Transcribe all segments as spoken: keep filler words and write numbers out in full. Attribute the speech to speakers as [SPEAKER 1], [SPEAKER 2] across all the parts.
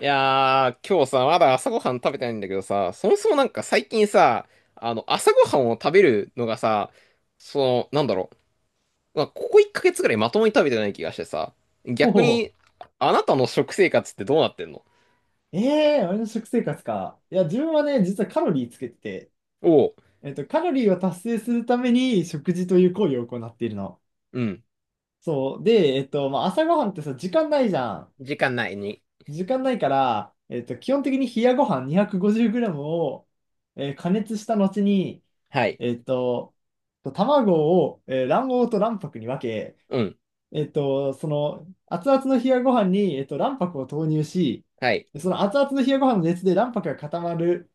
[SPEAKER 1] いやー、今日さ、まだ朝ごはん食べてないんだけどさ、そもそもなんか最近さ、あの、朝ごはんを食べるのがさ、その、なんだろう、まあ、ここいっかげつぐらいまともに食べてない気がしてさ、
[SPEAKER 2] お
[SPEAKER 1] 逆
[SPEAKER 2] お、
[SPEAKER 1] に、あなたの食生活ってどうなってんの？
[SPEAKER 2] ええー、俺の食生活か。いや、自分はね、実はカロリーつけてて、
[SPEAKER 1] おう、
[SPEAKER 2] えっと、カロリーを達成するために食事という行為を行っているの。
[SPEAKER 1] うん、
[SPEAKER 2] そう。で、えっと、まあ、朝ごはんってさ、時間ないじゃん。
[SPEAKER 1] 時間ないに。
[SPEAKER 2] 時間ないから、えっと、基本的に冷やご飯 にひゃくごじゅうグラム を、えー加熱した後に、
[SPEAKER 1] はい、
[SPEAKER 2] えっと、卵を、えー卵黄と卵白に分け、
[SPEAKER 1] うん、
[SPEAKER 2] えっと、その熱々の冷やご飯に、えっと、卵白を投入し、
[SPEAKER 1] はい。
[SPEAKER 2] その熱々の冷やご飯の熱で卵白が固まる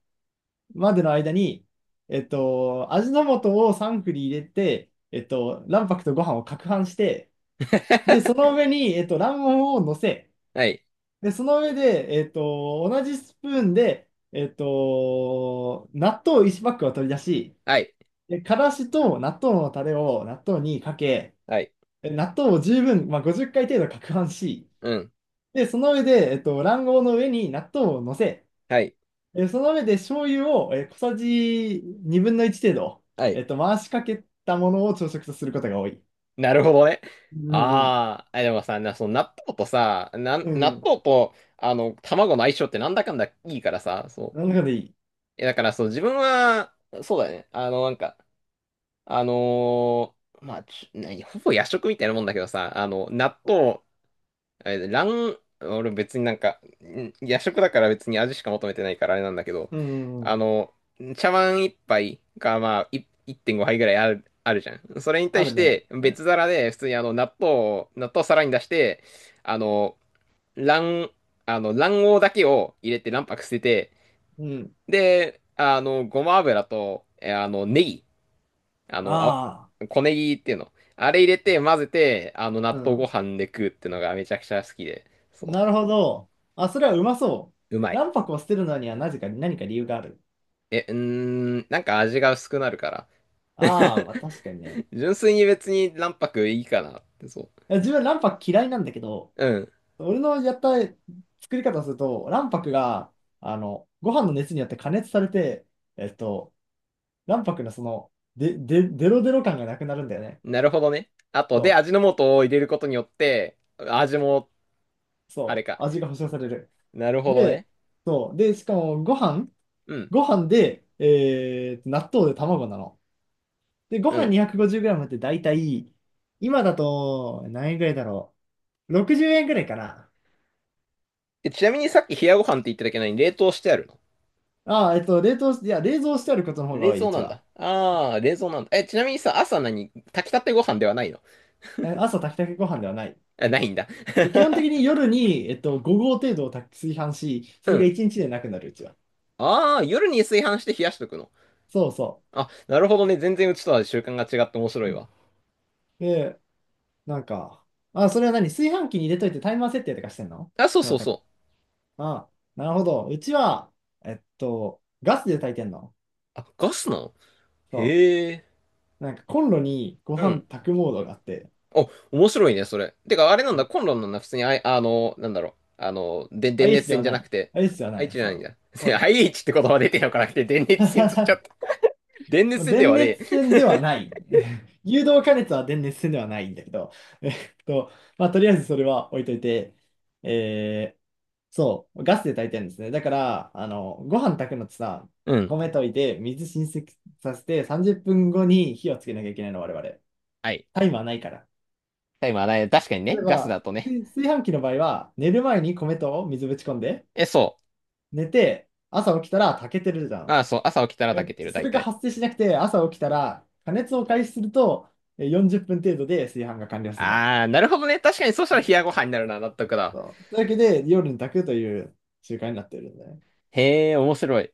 [SPEAKER 2] までの間に、えっと、味の素をサンクに入れて、えっと、卵白とご飯を攪拌して、で、その 上に、えっと、卵黄を乗せ、
[SPEAKER 1] はい、
[SPEAKER 2] で、その上で、えっと、同じスプーンで、えっと、納豆いちパックを取り出し、
[SPEAKER 1] はい、
[SPEAKER 2] で、からしと納豆のタレを納豆にかけ、
[SPEAKER 1] はい、
[SPEAKER 2] で納豆を十分、まあ、ごじゅっかい程度攪拌し、
[SPEAKER 1] うん、
[SPEAKER 2] で、その上で、えっと、卵黄の上に納豆を乗せ、
[SPEAKER 1] はい、
[SPEAKER 2] えーその上で醤油を、えー小さじにぶんのいち程度、
[SPEAKER 1] は
[SPEAKER 2] え
[SPEAKER 1] い。
[SPEAKER 2] っと、回しかけたものを朝食とすることが多い。
[SPEAKER 1] なるほどね。
[SPEAKER 2] うんうん。
[SPEAKER 1] ああ、でもさ、な、その納豆とさ、なん、
[SPEAKER 2] うんう
[SPEAKER 1] 納
[SPEAKER 2] ん。
[SPEAKER 1] 豆と、あの、卵の相性ってなんだかんだいいからさ、そう。
[SPEAKER 2] なるほどいい。
[SPEAKER 1] え、だからそう、自分は、そうだね。あの、なんか、あのーまあ、ち、なほぼ夜食みたいなもんだけどさ、あの、納豆、あれ卵、俺別になんか、ん夜食だから別に味しか求めてないからあれなんだけど、
[SPEAKER 2] うんうんうん。
[SPEAKER 1] あの、茶碗一杯がまあいいってんごはいぐらいある、あるじゃん。それに
[SPEAKER 2] あ
[SPEAKER 1] 対
[SPEAKER 2] る
[SPEAKER 1] し
[SPEAKER 2] ね。
[SPEAKER 1] て別皿で普通にあの納豆を、納豆を皿に出して、あの、卵、あの卵黄だけを入れて卵白捨てて、
[SPEAKER 2] うん。
[SPEAKER 1] で、あの、ごま油と、えあの、ネギ、あの、
[SPEAKER 2] あ
[SPEAKER 1] あ、小ネギっていうの。あれ入れて混ぜて、あの、
[SPEAKER 2] あ。
[SPEAKER 1] 納
[SPEAKER 2] う
[SPEAKER 1] 豆ご
[SPEAKER 2] ん。
[SPEAKER 1] 飯で食うっていうのがめちゃくちゃ好きで。そう
[SPEAKER 2] なるほど。あ、それはうまそ
[SPEAKER 1] う
[SPEAKER 2] う。
[SPEAKER 1] まい。
[SPEAKER 2] 卵白を捨てるのにはなぜか何か理由がある。
[SPEAKER 1] え、うーん、なんか味が薄くなるから。
[SPEAKER 2] ああ、まあ確かにね。
[SPEAKER 1] 純粋に別に卵白いいかなって、そ
[SPEAKER 2] いや自分卵白嫌いなんだけど、
[SPEAKER 1] う。うん。
[SPEAKER 2] 俺のやった作り方をすると、卵白が、あの、ご飯の熱によって加熱されて、えっと、卵白のその、で、で、デロデロ感がなくなるんだよね。
[SPEAKER 1] なるほどね。あと、で、
[SPEAKER 2] そ
[SPEAKER 1] 味の素を入れることによって、味も、
[SPEAKER 2] う、
[SPEAKER 1] あれ
[SPEAKER 2] そ
[SPEAKER 1] か。
[SPEAKER 2] う、味が保証される。
[SPEAKER 1] なるほど
[SPEAKER 2] で、
[SPEAKER 1] ね。
[SPEAKER 2] そう、で、しかもご飯、
[SPEAKER 1] うん、
[SPEAKER 2] ご飯で、えーと、納豆で卵なの。で、ご
[SPEAKER 1] う
[SPEAKER 2] 飯
[SPEAKER 1] ん。
[SPEAKER 2] にひゃくごじゅうグラム って大体、今だと何円ぐらいだろう。ろくじゅうえんぐらいかな。
[SPEAKER 1] え、ちなみにさっき冷やご飯って言っただけなのに冷凍してあるの？
[SPEAKER 2] ああ、えっと、冷凍し、いや、冷蔵してあることの方が
[SPEAKER 1] 冷
[SPEAKER 2] 多い、う
[SPEAKER 1] 蔵
[SPEAKER 2] ち
[SPEAKER 1] なん
[SPEAKER 2] は。
[SPEAKER 1] だ。あー、冷蔵なんだ。え、ちなみにさ、朝何炊きたてご飯ではないの？
[SPEAKER 2] 朝炊きたてご飯ではない。
[SPEAKER 1] あ、ないんだ。
[SPEAKER 2] で基本的に夜に、えっと、ご合程度を炊き炊飯し、そ
[SPEAKER 1] う
[SPEAKER 2] れが
[SPEAKER 1] ん。
[SPEAKER 2] いちにちでなくなる、うちは。
[SPEAKER 1] あー、夜に炊飯して冷やしとくの？
[SPEAKER 2] そうそ
[SPEAKER 1] あ、なるほどね。全然うちとは習慣が違って面白
[SPEAKER 2] う。
[SPEAKER 1] いわ。
[SPEAKER 2] で、なんか、あ、それは何炊飯器に入れといてタイマー設定とかしてんの？
[SPEAKER 1] あ、そう
[SPEAKER 2] そ
[SPEAKER 1] そ
[SPEAKER 2] な
[SPEAKER 1] う
[SPEAKER 2] たか。
[SPEAKER 1] そう。
[SPEAKER 2] あ、なるほど。うちは、えっと、ガスで炊いてんの？
[SPEAKER 1] あ、ガスなの？
[SPEAKER 2] そ
[SPEAKER 1] へえ。
[SPEAKER 2] う。なんかコンロにご
[SPEAKER 1] う
[SPEAKER 2] 飯
[SPEAKER 1] ん。
[SPEAKER 2] 炊くモードがあって、
[SPEAKER 1] お、面白いね、それ。てか、あれなんだ、コンロンなんだ、普通に、あい、あの、なんだろう。あの、で、電
[SPEAKER 2] i ス
[SPEAKER 1] 熱
[SPEAKER 2] で
[SPEAKER 1] 線
[SPEAKER 2] は
[SPEAKER 1] じゃ
[SPEAKER 2] な
[SPEAKER 1] なく
[SPEAKER 2] い。
[SPEAKER 1] て、
[SPEAKER 2] i スでは
[SPEAKER 1] アイエ
[SPEAKER 2] な
[SPEAKER 1] イ
[SPEAKER 2] い。
[SPEAKER 1] チじゃ
[SPEAKER 2] そ
[SPEAKER 1] ないん
[SPEAKER 2] う。
[SPEAKER 1] だ。
[SPEAKER 2] コン
[SPEAKER 1] ア
[SPEAKER 2] ロ。
[SPEAKER 1] イエイチって言葉出てよからなくて、電熱線取っちゃった。電熱
[SPEAKER 2] まあ
[SPEAKER 1] 線で
[SPEAKER 2] 電
[SPEAKER 1] はねえ。
[SPEAKER 2] 熱線ではない。誘導加熱は電熱線ではないんだけど、えっと、まあ、とりあえずそれは置いといて、えーそう、ガスで炊いてるんですね。だから、あの、ご飯炊くのってさ、
[SPEAKER 1] うん。
[SPEAKER 2] 米といて、水浸水させて、さんじゅっぷんごに火をつけなきゃいけないの、我々。
[SPEAKER 1] はい。
[SPEAKER 2] タイマーないから。
[SPEAKER 1] タイマーない。確かにね、
[SPEAKER 2] 例え
[SPEAKER 1] ガス
[SPEAKER 2] ば、
[SPEAKER 1] だとね。
[SPEAKER 2] 炊炊飯器の場合は、寝る前に米と水ぶち込んで、
[SPEAKER 1] え、そ
[SPEAKER 2] 寝て、朝起きたら炊けてるじゃ
[SPEAKER 1] う。
[SPEAKER 2] ん。
[SPEAKER 1] ああ、そう。朝起きたら
[SPEAKER 2] え
[SPEAKER 1] 炊
[SPEAKER 2] っ
[SPEAKER 1] けて
[SPEAKER 2] と、
[SPEAKER 1] る、
[SPEAKER 2] そ
[SPEAKER 1] 大
[SPEAKER 2] れが
[SPEAKER 1] 体。
[SPEAKER 2] 発生しなくて、朝起きたら、加熱を開始すると、えよんじゅっぷん程度で炊飯が完了するの。
[SPEAKER 1] あー、なるほどね。確かに、そしたら冷やご飯になるな、納得だ。
[SPEAKER 2] そう。というわけで、夜に炊くという習慣になっているのね。
[SPEAKER 1] へえ、面白い。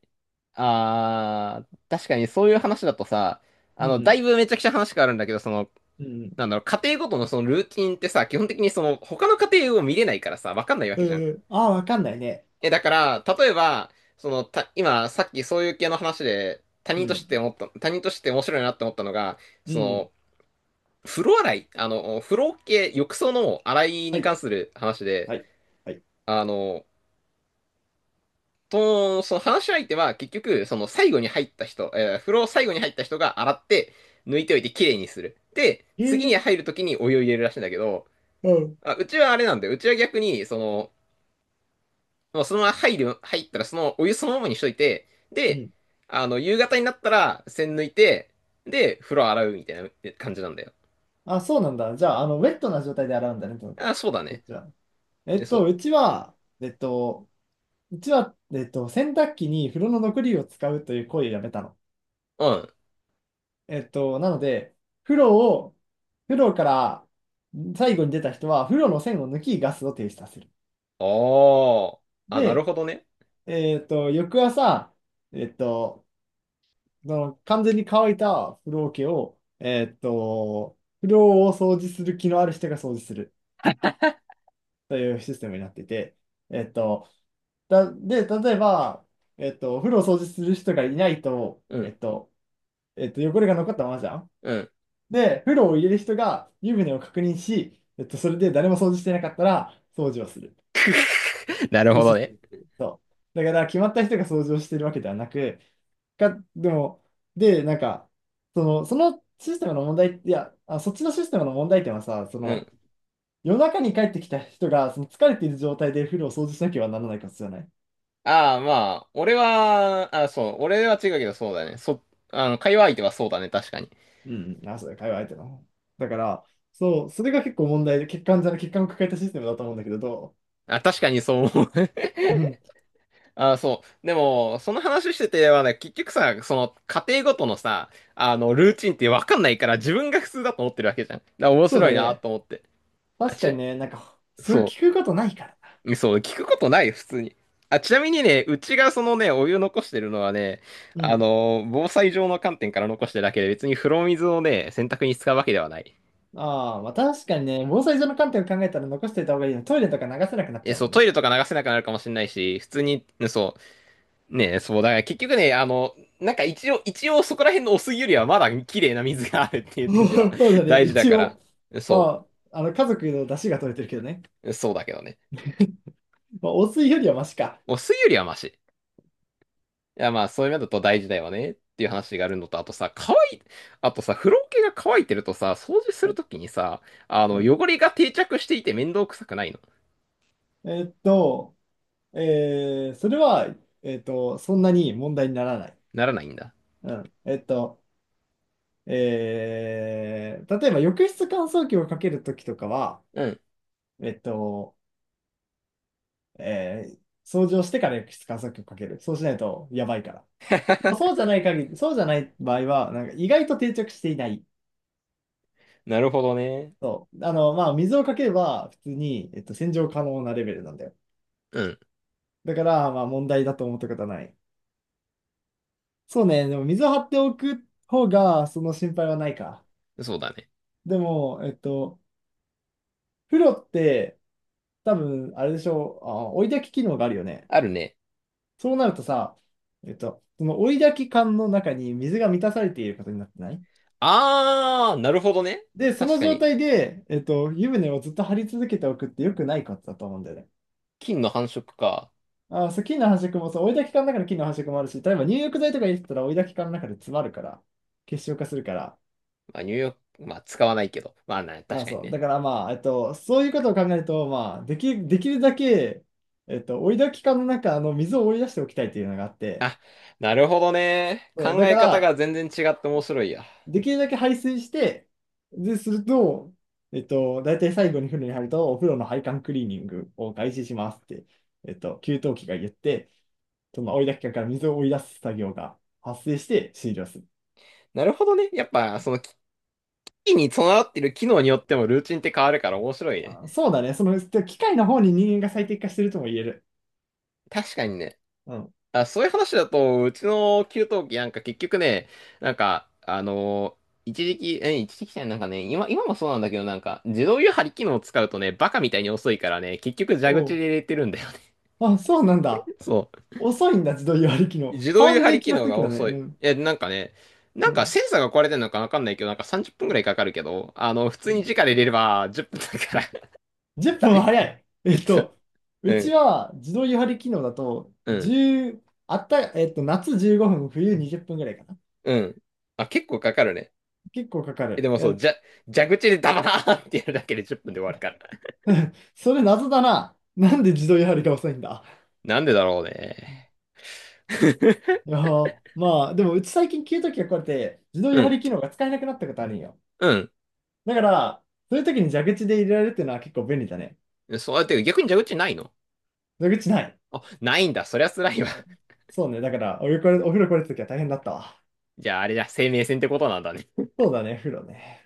[SPEAKER 1] あー、確かにそういう話だとさ、
[SPEAKER 2] う
[SPEAKER 1] あの、だ
[SPEAKER 2] ん、
[SPEAKER 1] いぶめちゃくちゃ話変わるんだけど、その、
[SPEAKER 2] うん、
[SPEAKER 1] なんだろう、家庭ごとのそのルーティンってさ、基本的にその、他の家庭を見れないからさ、わかんないわ
[SPEAKER 2] う
[SPEAKER 1] けじゃん。
[SPEAKER 2] ん。うん、ああ、わかんないね。
[SPEAKER 1] え、だから、例えば、その、た、今、さっきそういう系の話で、他
[SPEAKER 2] う
[SPEAKER 1] 人として
[SPEAKER 2] ん、
[SPEAKER 1] 思った、他人として面白いなって思ったのが、
[SPEAKER 2] う
[SPEAKER 1] そ
[SPEAKER 2] ん。
[SPEAKER 1] の、風呂洗い、あの、風呂系、浴槽の洗い
[SPEAKER 2] は
[SPEAKER 1] に
[SPEAKER 2] い、
[SPEAKER 1] 関する話で、
[SPEAKER 2] はい、はい。
[SPEAKER 1] あの、と、その話し相手は結局、その最後に入った人、えー風呂を最後に入った人が洗って、抜いておいてきれいにする。で、
[SPEAKER 2] え
[SPEAKER 1] 次
[SPEAKER 2] ー、
[SPEAKER 1] に入るときにお湯を入れるらしいんだけど、
[SPEAKER 2] うん、
[SPEAKER 1] あ、うちはあれなんだよ。うちは逆に、その、もうそのまま入る、入ったらそのお湯そのままにしといて、
[SPEAKER 2] う
[SPEAKER 1] で、
[SPEAKER 2] ん。
[SPEAKER 1] あの、夕方になったら栓抜いて、で、風呂洗うみたいな感じなんだよ。
[SPEAKER 2] あ、そうなんだ。じゃあ、あの、ウェットな状態で洗うんだね、と、
[SPEAKER 1] あ、そうだ
[SPEAKER 2] そっ
[SPEAKER 1] ね。
[SPEAKER 2] ちは。え
[SPEAKER 1] え
[SPEAKER 2] っと、
[SPEAKER 1] そ
[SPEAKER 2] うちは、えっと、うちは、えっと、洗濯機に風呂の残りを使うという行為をやめたの。
[SPEAKER 1] う。うん。
[SPEAKER 2] えっと、なので、風呂を、風呂から最後に出た人は、風呂の栓を抜き、ガスを停止させる。
[SPEAKER 1] ああ。あ、なる
[SPEAKER 2] で、
[SPEAKER 1] ほどね。
[SPEAKER 2] えっと、翌朝、えっと、その完全に乾いた風呂桶を、えっと、風呂を掃除する気のある人が掃除するというシステムになっていて、えっと、だ、で、例えば、えっと、お風呂を掃除する人がいないと、
[SPEAKER 1] う
[SPEAKER 2] え
[SPEAKER 1] ん。
[SPEAKER 2] っと、えっと、汚れが残ったままじゃん。
[SPEAKER 1] うん。
[SPEAKER 2] で、風呂を入れる人が湯船を確認し、えっと、それで誰も掃除してなかったら掃除をする。
[SPEAKER 1] なる
[SPEAKER 2] という
[SPEAKER 1] ほ
[SPEAKER 2] シ
[SPEAKER 1] ど
[SPEAKER 2] ステ
[SPEAKER 1] ね。
[SPEAKER 2] ムっていう。そう。だから決まった人が掃除をしてるわけではなく、か、でも、で、なんか、その、そのシステムの問題、いや、あ、そっちのシステムの問題点はさ、そ
[SPEAKER 1] う
[SPEAKER 2] の、
[SPEAKER 1] ん。
[SPEAKER 2] 夜中に帰ってきた人がその疲れている状態で風呂を掃除しなければならないからじゃない。
[SPEAKER 1] ああ、まあ、俺は、あ、そう、俺は違うけどそうだね。そ、あの、会話相手はそうだね、確かに。
[SPEAKER 2] うんうん、あ、そうだ、会話相手の。だから、そう、それが結構問題で、欠陥じゃない、欠陥を抱えたシステムだと思うんだけど、ど
[SPEAKER 1] あ、確かにそう思う。
[SPEAKER 2] ううん、
[SPEAKER 1] あ、そう。でも、その話しててはね、結局さ、その、家庭ごとのさ、あの、ルーチンってわかんないから、自分が普通だと思ってるわけじゃん。だから面
[SPEAKER 2] そう
[SPEAKER 1] 白
[SPEAKER 2] だ
[SPEAKER 1] いな
[SPEAKER 2] ね。
[SPEAKER 1] と思って。あ、
[SPEAKER 2] 確
[SPEAKER 1] ち
[SPEAKER 2] か
[SPEAKER 1] な、
[SPEAKER 2] にね、なんか、そう
[SPEAKER 1] そ
[SPEAKER 2] 聞くことないからな。
[SPEAKER 1] う、そう、聞くことない、普通に。あ、ちなみにね、うちがそのね、お湯残してるのはね、
[SPEAKER 2] う
[SPEAKER 1] あ
[SPEAKER 2] ん。
[SPEAKER 1] の、防災上の観点から残してるだけで、別に風呂水をね、洗濯に使うわけではない。
[SPEAKER 2] ああ、まあ確かにね、防災上の観点を考えたら残しておいた方がいいよ。トイレとか流せなくなっち
[SPEAKER 1] え、
[SPEAKER 2] ゃう
[SPEAKER 1] そ
[SPEAKER 2] も
[SPEAKER 1] う、
[SPEAKER 2] ん
[SPEAKER 1] トイ
[SPEAKER 2] ね。
[SPEAKER 1] レとか流せなくなるかもしれないし、普通に、ねそう、ね、そう、だから結局ね、あの、なんか一応、一応そこら辺のお湯よりはまだ綺麗な水があるってい う点では
[SPEAKER 2] そうだ ね、
[SPEAKER 1] 大事だ
[SPEAKER 2] 一
[SPEAKER 1] から、
[SPEAKER 2] 応。
[SPEAKER 1] そ
[SPEAKER 2] まあ、あの、家族の出汁が取れてるけどね。
[SPEAKER 1] う、そうだけどね。
[SPEAKER 2] まあ、お水よりはマシか。
[SPEAKER 1] お水よりはマシ。いや、まあ、そういう面だと大事だよねっていう話があるのと、あとさ、乾い、あとさ、風呂桶が乾いてるとさ、掃除するときにさ、あの、
[SPEAKER 2] うん。
[SPEAKER 1] 汚れが定着していて面倒くさくないの？
[SPEAKER 2] えーっと、えーそれは、えーっと、そんなに問題にならない。
[SPEAKER 1] ならないんだ。
[SPEAKER 2] うん。えーっと、えー例えば浴室乾燥機をかけるときとかは、
[SPEAKER 1] うん。
[SPEAKER 2] えーっと、えー掃除をしてから浴室乾燥機をかける。そうしないとやばいから。そう じゃない限り、そうじゃない場合は、なんか意外と定着していない。
[SPEAKER 1] なるほどね。
[SPEAKER 2] そう。あの、まあ、水をかければ普通に、えっと、洗浄可能なレベルなんだよ。
[SPEAKER 1] うん、
[SPEAKER 2] だから、まあ、問題だと思ったことはない。そうね。でも、水を張っておく方が、その心配はないか。
[SPEAKER 1] そうだね。
[SPEAKER 2] でも、えっと、風呂って、多分、あれでしょう。あ、追い焚き機能があるよね。
[SPEAKER 1] あるね。
[SPEAKER 2] そうなるとさ、えっと、その追い焚き缶の中に水が満たされていることになってない
[SPEAKER 1] あー、なるほどね。
[SPEAKER 2] で、そ
[SPEAKER 1] 確
[SPEAKER 2] の
[SPEAKER 1] か
[SPEAKER 2] 状
[SPEAKER 1] に。
[SPEAKER 2] 態で、えっと、湯船をずっと張り続けておくって良くないことだと思うんだよね。
[SPEAKER 1] 菌の繁殖か。
[SPEAKER 2] あー、そう、菌の繁殖もそう、追いだき管の中の菌の繁殖もあるし、例えば入浴剤とか入れてたら追いだき管の中で詰まるから、結晶化するから。
[SPEAKER 1] まあ、ニューヨーク、まあ、使わないけど。まあ、な、
[SPEAKER 2] ま
[SPEAKER 1] 確
[SPEAKER 2] あ
[SPEAKER 1] かに
[SPEAKER 2] そう。だ
[SPEAKER 1] ね。
[SPEAKER 2] からまあ、えっと、そういうことを考えると、まあ、でき、できるだけ、えっと、追いだき管の中の水を追い出しておきたいというのがあって、
[SPEAKER 1] あ、なるほどね。
[SPEAKER 2] そう、
[SPEAKER 1] 考
[SPEAKER 2] だか
[SPEAKER 1] え方
[SPEAKER 2] ら、
[SPEAKER 1] が全然違って面白いや。
[SPEAKER 2] できるだけ排水して、で、すると、えっと、大体最後に風呂に入ると、お風呂の配管クリーニングを開始しますって、えっと、給湯器が言って、その追い出し機から水を追い出す作業が発生して終了する。
[SPEAKER 1] なるほどね。やっぱ、その菌に備わってる機能によってもルーチンって変わるから面白いね。
[SPEAKER 2] あ、そうだね。その、機械の方に人間が最適化してるとも言える。
[SPEAKER 1] 確かにね。
[SPEAKER 2] うん。
[SPEAKER 1] あ、そういう話だと、うちの給湯器なんか結局ね、なんか、あのー一時期、え、一時期じゃないなんかね、今、今もそうなんだけど、なんか、自動湯張り機能を使うとね、バカみたいに遅いからね、結局蛇
[SPEAKER 2] お
[SPEAKER 1] 口で
[SPEAKER 2] う。
[SPEAKER 1] 入れてるんだよね
[SPEAKER 2] あ、そうなんだ。
[SPEAKER 1] そ
[SPEAKER 2] 遅いんだ、自動湯割り機
[SPEAKER 1] う。
[SPEAKER 2] 能。
[SPEAKER 1] 自
[SPEAKER 2] 変
[SPEAKER 1] 動
[SPEAKER 2] わ
[SPEAKER 1] 湯
[SPEAKER 2] ん
[SPEAKER 1] 張
[SPEAKER 2] ない
[SPEAKER 1] り
[SPEAKER 2] 気
[SPEAKER 1] 機
[SPEAKER 2] がす
[SPEAKER 1] 能
[SPEAKER 2] る
[SPEAKER 1] が
[SPEAKER 2] けどね。
[SPEAKER 1] 遅い。
[SPEAKER 2] うん。
[SPEAKER 1] え、なんかね、なんかセ
[SPEAKER 2] う
[SPEAKER 1] ンサーが壊れてるのかわかんないけど、なんかさんじゅっぷんくらいかかるけど、あの、普通に直
[SPEAKER 2] ん。
[SPEAKER 1] で入れればじゅっぷんだか
[SPEAKER 2] 10
[SPEAKER 1] ら
[SPEAKER 2] 分は早い。え
[SPEAKER 1] えっ
[SPEAKER 2] っ
[SPEAKER 1] と、
[SPEAKER 2] と、う
[SPEAKER 1] う
[SPEAKER 2] ち
[SPEAKER 1] ん、
[SPEAKER 2] は自動湯張り機能だと、
[SPEAKER 1] うん、
[SPEAKER 2] じゅう、あった、えっと、夏じゅうごふん、冬にじゅっぷんぐらいかな。
[SPEAKER 1] うん。あ、結構かかるね。
[SPEAKER 2] 結構かか
[SPEAKER 1] え、で
[SPEAKER 2] る。
[SPEAKER 1] もそう、
[SPEAKER 2] え、
[SPEAKER 1] じゃ、蛇口でダバーンってやるだけでじゅっぷんで終わるから。
[SPEAKER 2] それ謎だな。なんで自動湯張りが遅いんだ。
[SPEAKER 1] なんでだろうね。
[SPEAKER 2] い やー、まあ、でもうち最近給湯器が壊れて、自動
[SPEAKER 1] う
[SPEAKER 2] 湯張
[SPEAKER 1] ん、
[SPEAKER 2] り機能が使えなくなったことあるんよ。
[SPEAKER 1] う
[SPEAKER 2] だから、そういう時に蛇口で入れられるっていうのは結構便利だね。
[SPEAKER 1] ん。そうやって逆に蛇口ないの？
[SPEAKER 2] 蛇口ない。
[SPEAKER 1] あ、ないんだ。そりゃ辛いわ。
[SPEAKER 2] そうね、だから、お湯これ、お風呂これた時は大変だったわ。
[SPEAKER 1] じゃああれじゃ、生命線ってことなんだね。
[SPEAKER 2] そうだね、風呂ね。